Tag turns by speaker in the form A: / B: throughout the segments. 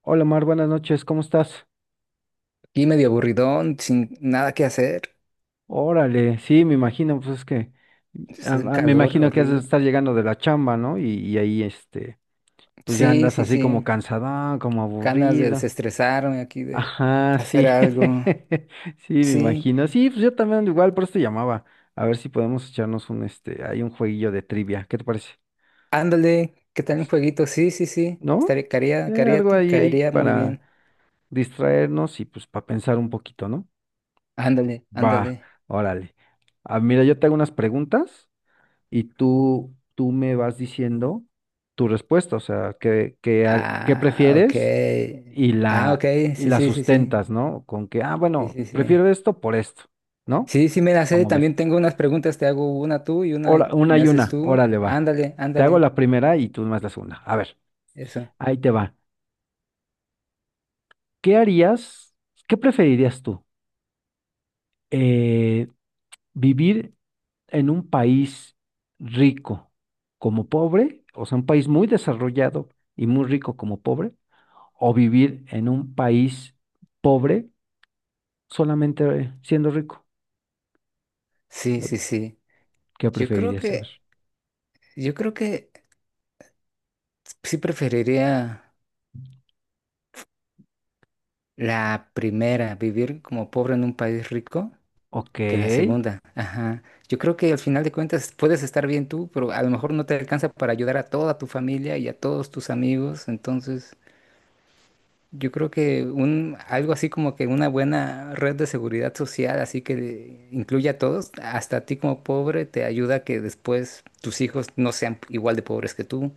A: Hola Mar, buenas noches, ¿cómo estás?
B: Y medio aburridón, sin nada que hacer.
A: Órale, sí, me imagino, pues es que
B: Hace un
A: me
B: calor
A: imagino que has de
B: horrible.
A: estar llegando de la chamba, ¿no? Y ahí, pues ya
B: Sí,
A: andas
B: sí,
A: así como
B: sí.
A: cansada, como
B: Ganas de
A: aburrida.
B: desestresarme aquí, de
A: Ajá,
B: hacer
A: sí,
B: algo.
A: sí, me
B: Sí.
A: imagino. Sí, pues yo también ando igual, por eso te llamaba. A ver si podemos echarnos un, hay un jueguillo de trivia, ¿qué te parece?
B: Ándale, ¿qué tal un
A: S-
B: jueguito? Sí, sí, sí.
A: ¿No?
B: Estaría, caería, caería,
A: Algo ahí
B: caería muy
A: para
B: bien.
A: distraernos y pues para pensar un poquito, ¿no?
B: Ándale,
A: Va,
B: ándale.
A: órale. Ah, mira, yo te hago unas preguntas y tú me vas diciendo tu respuesta, o sea, que
B: Ah, ok.
A: prefieres y
B: Ah, ok.
A: y
B: Sí,
A: la
B: sí, sí, sí.
A: sustentas, ¿no? Con que, ah,
B: Sí,
A: bueno,
B: sí, sí.
A: prefiero esto por esto, ¿no?
B: Sí, sí, me la sé.
A: ¿Cómo ves?
B: También tengo unas preguntas. Te hago una tú y una
A: Una
B: me
A: y
B: haces
A: una,
B: tú.
A: órale va.
B: Ándale,
A: Te hago
B: ándale.
A: la primera y tú más la segunda. A ver,
B: Eso.
A: ahí te va. ¿Qué harías? ¿Qué preferirías tú? Eh, ¿Vivir en un país rico como pobre? O sea, un país muy desarrollado y muy rico como pobre o vivir en un país pobre solamente siendo rico.
B: Sí, sí, sí.
A: ¿Qué
B: Yo creo
A: preferirías saber?
B: que... Yo creo que sí preferiría la primera, vivir como pobre en un país rico,
A: Ok,
B: que la segunda. Ajá. Yo creo que al final de cuentas puedes estar bien tú, pero a lo mejor no te alcanza para ayudar a toda tu familia y a todos tus amigos. Entonces, yo creo que un algo así como que una buena red de seguridad social, así que incluya a todos, hasta a ti como pobre, te ayuda a que después tus hijos no sean igual de pobres que tú.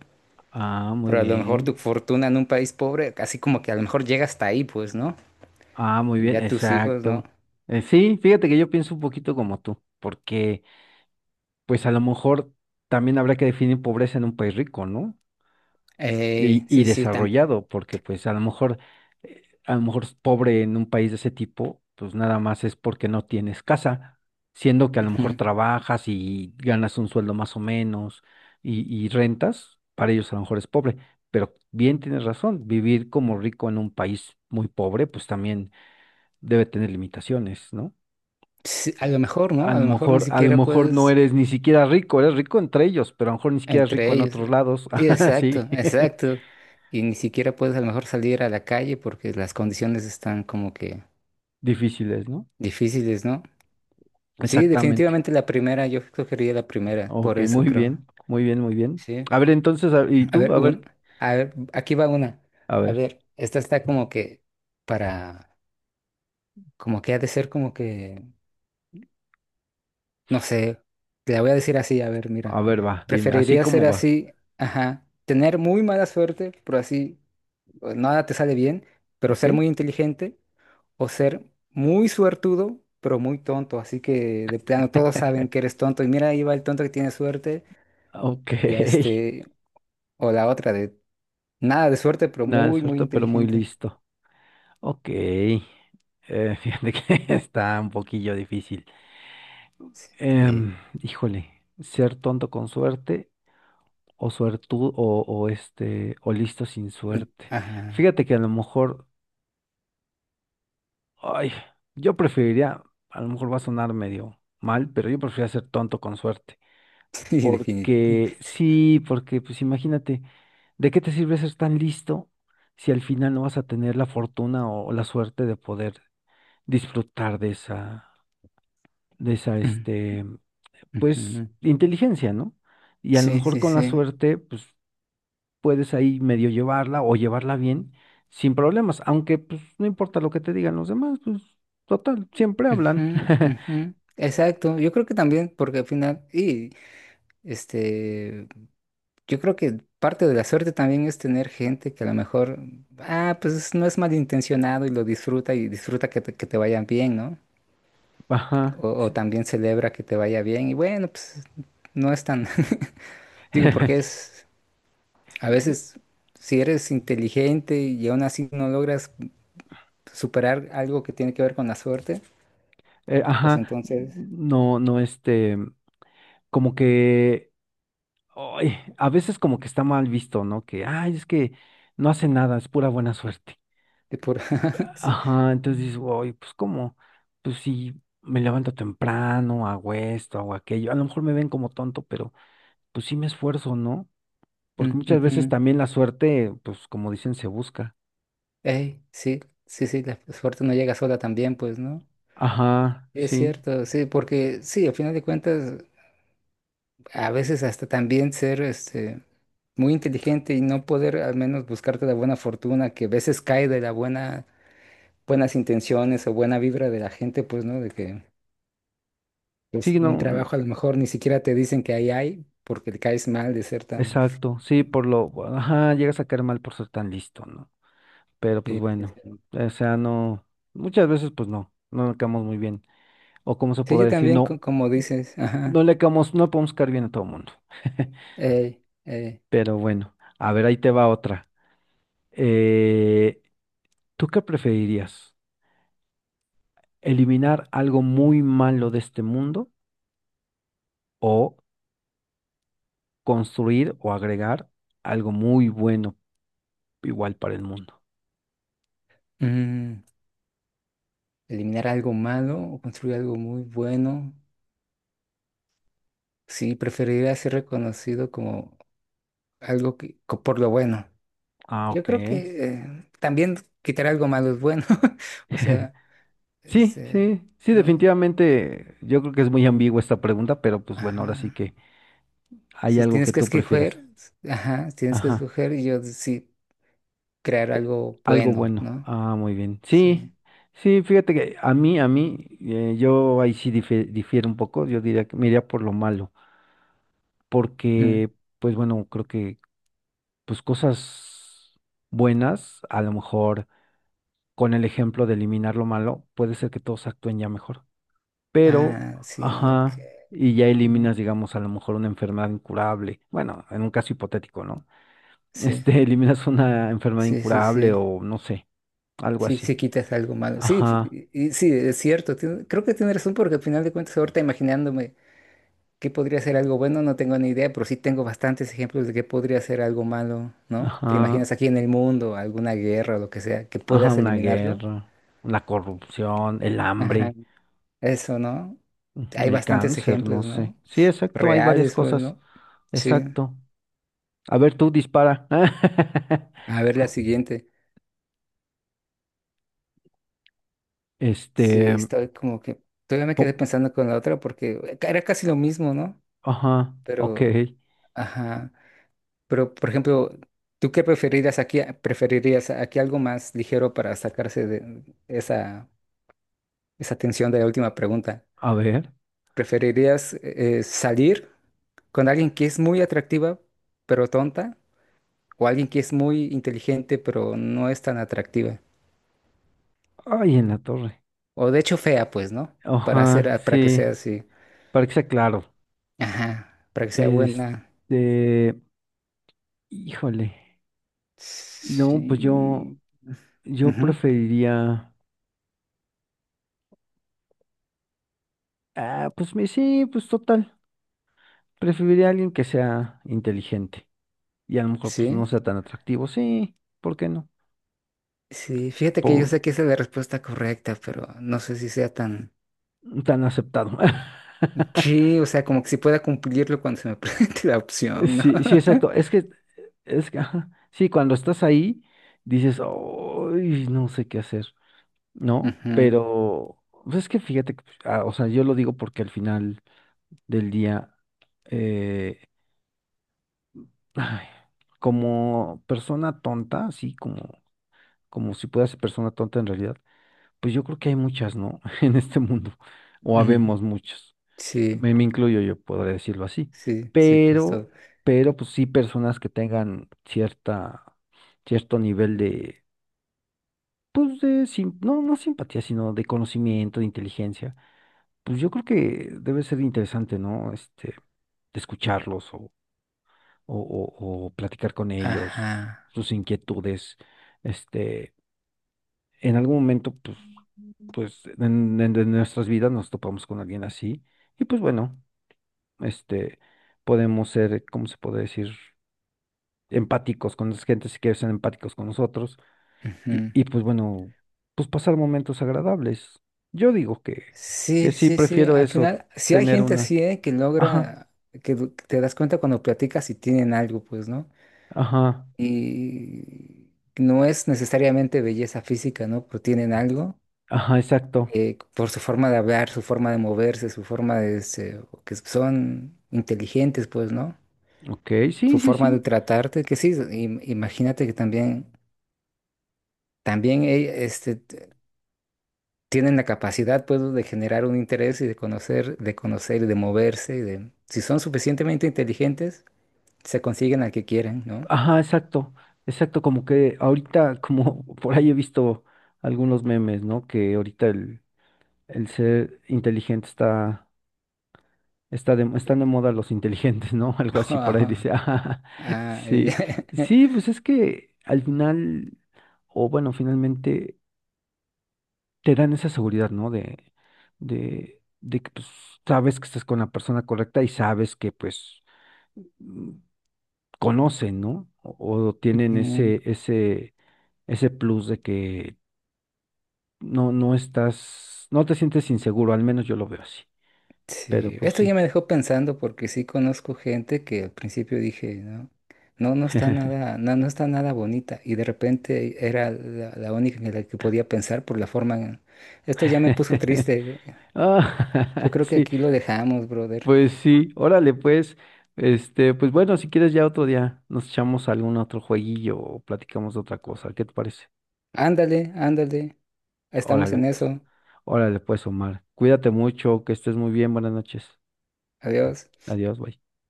A: ah, muy
B: Pero a lo mejor tu
A: bien.
B: fortuna en un país pobre, así como que a lo mejor llega hasta ahí, pues, ¿no?
A: Ah, muy
B: Y
A: bien,
B: ya tus hijos, ¿no?
A: exacto. Sí, fíjate que yo pienso un poquito como tú, porque pues a lo mejor también habrá que definir pobreza en un país rico, ¿no?
B: Ey,
A: Y
B: sí, sí,
A: desarrollado, porque pues a lo mejor es pobre en un país de ese tipo, pues nada más es porque no tienes casa, siendo que a lo mejor
B: ujú.
A: trabajas y ganas un sueldo más o menos y rentas, para ellos a lo mejor es pobre, pero bien tienes razón, vivir como rico en un país muy pobre, pues también debe tener limitaciones, ¿no?
B: Sí, a lo mejor, ¿no? A lo mejor ni
A: A lo
B: siquiera
A: mejor no
B: puedes
A: eres ni siquiera rico, eres rico entre ellos, pero a lo mejor ni siquiera es rico
B: entre
A: en
B: ellos.
A: otros lados,
B: Sí, exacto,
A: así,
B: exacto. Y ni siquiera puedes a lo mejor salir a la calle porque las condiciones están como que
A: difíciles, no.
B: difíciles, ¿no? Sí,
A: Exactamente.
B: definitivamente la primera, yo escogería la primera, por
A: Ok,
B: eso
A: muy
B: creo.
A: bien, muy bien, muy bien.
B: Sí.
A: A ver, entonces, a- ¿y
B: A
A: tú?
B: ver,
A: A ver,
B: a ver, aquí va una.
A: a
B: A
A: ver,
B: ver, esta está como que para. Como que ha de ser como que, no sé, te la voy a decir así, a ver,
A: a
B: mira,
A: ver, va, dime, así
B: preferiría ser
A: como va.
B: así, ajá, tener muy mala suerte, pero así o nada te sale bien, pero
A: Ok,
B: ser muy inteligente, o ser muy suertudo, pero muy tonto, así que de plano todos saben que eres tonto, y mira, ahí va el tonto que tiene suerte,
A: ok.
B: y o la otra de nada de suerte, pero
A: Nada
B: muy
A: de pero muy
B: inteligente.
A: listo. Ok. Fíjate que está un poquillo difícil.
B: Sí.
A: Em, híjole, ser tonto con suerte o suertud o, o listo sin
B: Sí,
A: suerte.
B: ajá.
A: Fíjate que a lo mejor, ay, yo preferiría, a lo mejor va a sonar medio mal, pero yo preferiría ser tonto con suerte.
B: Sí, definitivamente.
A: Porque sí, porque pues imagínate, ¿de qué te sirve ser tan listo si al final no vas a tener la fortuna o, la suerte de poder disfrutar de esa
B: Sí,
A: pues,
B: ujú.
A: inteligencia, ¿no? Y a lo
B: Sí,
A: mejor
B: sí,
A: con la
B: sí.
A: suerte, pues, puedes ahí medio llevarla o llevarla bien sin problemas, aunque pues no importa lo que te digan los demás, pues, total, siempre hablan.
B: Ujú, ujú. Exacto, yo creo que también, porque al final, este, yo creo que parte de la suerte también es tener gente que a lo mejor, ah, pues no es malintencionado y lo disfruta y disfruta que que te vayan bien, ¿no?
A: Ajá,
B: O
A: sí.
B: también celebra que te vaya bien y bueno, pues no es tan, digo, porque es, a veces, si eres inteligente y aún así no logras superar algo que tiene que ver con la suerte, pues
A: Ajá,
B: entonces,
A: no, no como que ay, a veces como que está mal visto, ¿no? Que, ay, es que no hace nada, es pura buena suerte.
B: de por, sí.
A: Ajá, entonces dices, oye, pues cómo, pues si me levanto temprano, hago esto, hago aquello, a lo mejor me ven como tonto, pero pues sí me esfuerzo, ¿no? Porque muchas veces también la suerte, pues como dicen, se busca.
B: Ey, sí, sí, sí, la suerte no llega sola también, pues, ¿no?
A: Ajá,
B: Es
A: sí,
B: cierto, sí, porque sí, al final de cuentas, a veces hasta también ser muy inteligente y no poder al menos buscarte la buena fortuna, que a veces cae de buenas intenciones o buena vibra de la gente, pues, ¿no? De que pues,
A: sí,
B: un
A: no,
B: trabajo a lo mejor ni siquiera te dicen que ahí hay, porque te caes mal de ser tan...
A: exacto, sí, por lo, ajá, llegas a caer mal por ser tan listo, ¿no? Pero pues
B: Sí, sí,
A: bueno,
B: sí.
A: o sea, no, muchas veces pues no, no le caemos muy bien. O cómo se
B: Sí,
A: podrá
B: yo
A: decir,
B: también,
A: no,
B: como dices,
A: no
B: ajá,
A: le caemos, no podemos caer bien a todo el mundo.
B: ey, ey,
A: Pero bueno, a ver, ahí te va otra. Eh, ¿Tú qué preferirías? ¿Eliminar algo muy malo de este mundo o construir o agregar algo muy bueno igual para el mundo?
B: ujú. Eliminar algo malo o construir algo muy bueno. Sí, preferiría ser reconocido como algo por lo bueno.
A: Ah,
B: Yo
A: ok.
B: creo que también quitar algo malo es bueno. O sea,
A: Sí,
B: este,
A: sí, sí,
B: no,
A: definitivamente yo creo que es muy ambigua esta pregunta, pero pues bueno, ahora sí
B: ajá.
A: que hay
B: Si
A: algo
B: tienes
A: que
B: que
A: tú prefieras.
B: escoger, ajá, si tienes que
A: Ajá,
B: escoger y yo sí crear algo
A: algo
B: bueno,
A: bueno.
B: ¿no?
A: Ah, muy bien. Sí,
B: Sí.
A: sí, fíjate que a mí, yo ahí sí difiero un poco. Yo diría que me iría por lo malo,
B: Ujú.
A: porque, pues bueno, creo que, pues cosas buenas, a lo mejor con el ejemplo de eliminar lo malo, puede ser que todos actúen ya mejor. Pero,
B: Ah, sí, ok.
A: ajá, y ya
B: ¿No?
A: eliminas, digamos, a lo mejor una enfermedad incurable. Bueno, en un caso hipotético, ¿no?
B: Sí,
A: Eliminas una enfermedad
B: sí, sí,
A: incurable
B: sí.
A: o no sé algo
B: Sí,
A: así.
B: sí quitas algo malo. Sí,
A: Ajá,
B: sí, es cierto. Creo que tienes razón porque al final de cuentas ahorita imaginándome qué podría ser algo bueno, no tengo ni idea, pero sí tengo bastantes ejemplos de qué podría ser algo malo, ¿no? ¿Te imaginas
A: ajá,
B: aquí en el mundo, alguna guerra o lo que sea, que
A: ajá,
B: puedas
A: una
B: eliminarlo?
A: guerra, la corrupción, el
B: Ajá.
A: hambre,
B: Eso, ¿no?
A: ujú,
B: Hay
A: el
B: bastantes
A: cáncer, no
B: ejemplos,
A: sé.
B: ¿no?
A: Sí, exacto, hay varias
B: Reales, pues,
A: cosas.
B: ¿no? Sí.
A: Exacto. A ver, tú dispara.
B: A ver la siguiente. Sí,
A: Este,
B: estoy como que... Todavía me quedé
A: co-
B: pensando con la otra porque era casi lo mismo, ¿no?
A: ajá, ok.
B: Pero, ajá. Pero, por ejemplo, ¿tú qué preferirías aquí? ¿Preferirías aquí algo más ligero para sacarse de esa, esa tensión de la última pregunta?
A: A ver.
B: ¿Preferirías salir con alguien que es muy atractiva pero tonta? ¿O alguien que es muy inteligente pero no es tan atractiva?
A: Ay, en la torre.
B: O de hecho fea, pues, ¿no? Para hacer,
A: Ajá,
B: para que sea
A: sí,
B: así.
A: para que sea claro.
B: Ajá, para que sea buena.
A: Este, híjole. No, pues yo,
B: Sí.
A: yo
B: Ujú,
A: preferiría. Ah, pues me, sí, pues total. Preferiría a alguien que sea inteligente y a lo mejor pues
B: sí.
A: no sea tan atractivo. Sí, ¿por qué no?
B: Sí, fíjate que yo
A: Por
B: sé que esa es la respuesta correcta, pero no sé si sea tan...
A: tan aceptado.
B: Sí, o sea, como que si pueda cumplirlo cuando se me presente la opción, ¿no?
A: Sí, sí, exacto. Es que, ajá. Sí, cuando estás ahí, dices, "Ay, no sé qué hacer, ¿no?
B: Ujú,
A: Pero, pues es que fíjate, que, pues, ah, o sea, yo lo digo porque al final del día, eh, ay, como persona tonta, sí, como, como si pueda ser persona tonta en realidad. Pues yo creo que hay muchas, ¿no? En este mundo, o
B: ujú.
A: habemos muchas.
B: Sí,
A: Me incluyo yo, podría decirlo así.
B: sí, sí, pues
A: Pero,
B: todo.
A: pero pues sí personas que tengan cierto nivel de, pues de, no, no simpatía, sino de conocimiento, de inteligencia. Pues yo creo que debe ser interesante, ¿no? Este, de escucharlos o platicar con ellos,
B: Ajá.
A: sus inquietudes, este en algún momento, pues, pues en, en nuestras vidas nos topamos con alguien así y pues bueno, este, podemos ser, ¿cómo se puede decir? Empáticos con las gentes si quieren ser empáticos con nosotros
B: Ujú.
A: y pues bueno, pues pasar momentos agradables. Yo digo que
B: Sí,
A: sí,
B: sí, sí.
A: prefiero
B: Al
A: eso,
B: final, sí hay
A: tener
B: gente
A: una.
B: así, ¿eh? Que
A: Ajá,
B: logra, que te das cuenta cuando platicas si tienen algo, pues, ¿no?
A: ajá,
B: Y no es necesariamente belleza física, ¿no? Pero tienen algo.
A: ajá, exacto.
B: Por su forma de hablar, su forma de moverse, su forma de... este, o que son inteligentes, pues, ¿no?
A: Ok,
B: Su
A: sí, sí,
B: forma de
A: sí.
B: tratarte, que sí, imagínate que también, también tienen la capacidad pues, de generar un interés y de conocer y de moverse. Y de, si son suficientemente inteligentes, se consiguen al que quieren, ¿no?
A: Ajá, exacto, exacto, como que ahorita, como por ahí he visto algunos memes, ¿no? Que ahorita el ser inteligente está de, están de moda los inteligentes, ¿no? Algo así por ahí dice, ah,
B: Ah, ya.
A: sí, sí, pues es que al final, o bueno, finalmente te dan esa seguridad, ¿no? De que pues sabes que estás con la persona correcta y sabes que pues mm, conocen, ¿no? O tienen ese, ese ese plus de que no, no estás, no te sientes inseguro, al menos yo lo veo así. Pero
B: Sí,
A: pues
B: esto ya
A: sí.
B: me dejó pensando porque sí conozco gente que al principio dije, no, no, no está nada, no, no está nada bonita y de repente era la, la única en la que podía pensar por la forma. Esto ya me puso triste. Yo
A: Ah,
B: creo que
A: sí,
B: aquí lo dejamos, brother.
A: pues sí, órale, pues. Este, pues bueno, si quieres ya otro día nos echamos algún otro jueguillo o platicamos de otra cosa. ¿Qué te parece?
B: Ándale, ándale, estamos
A: Órale,
B: en
A: pues.
B: eso.
A: Órale, pues, Omar. Cuídate mucho, que estés muy bien. Buenas noches.
B: Adiós.
A: Adiós, bye.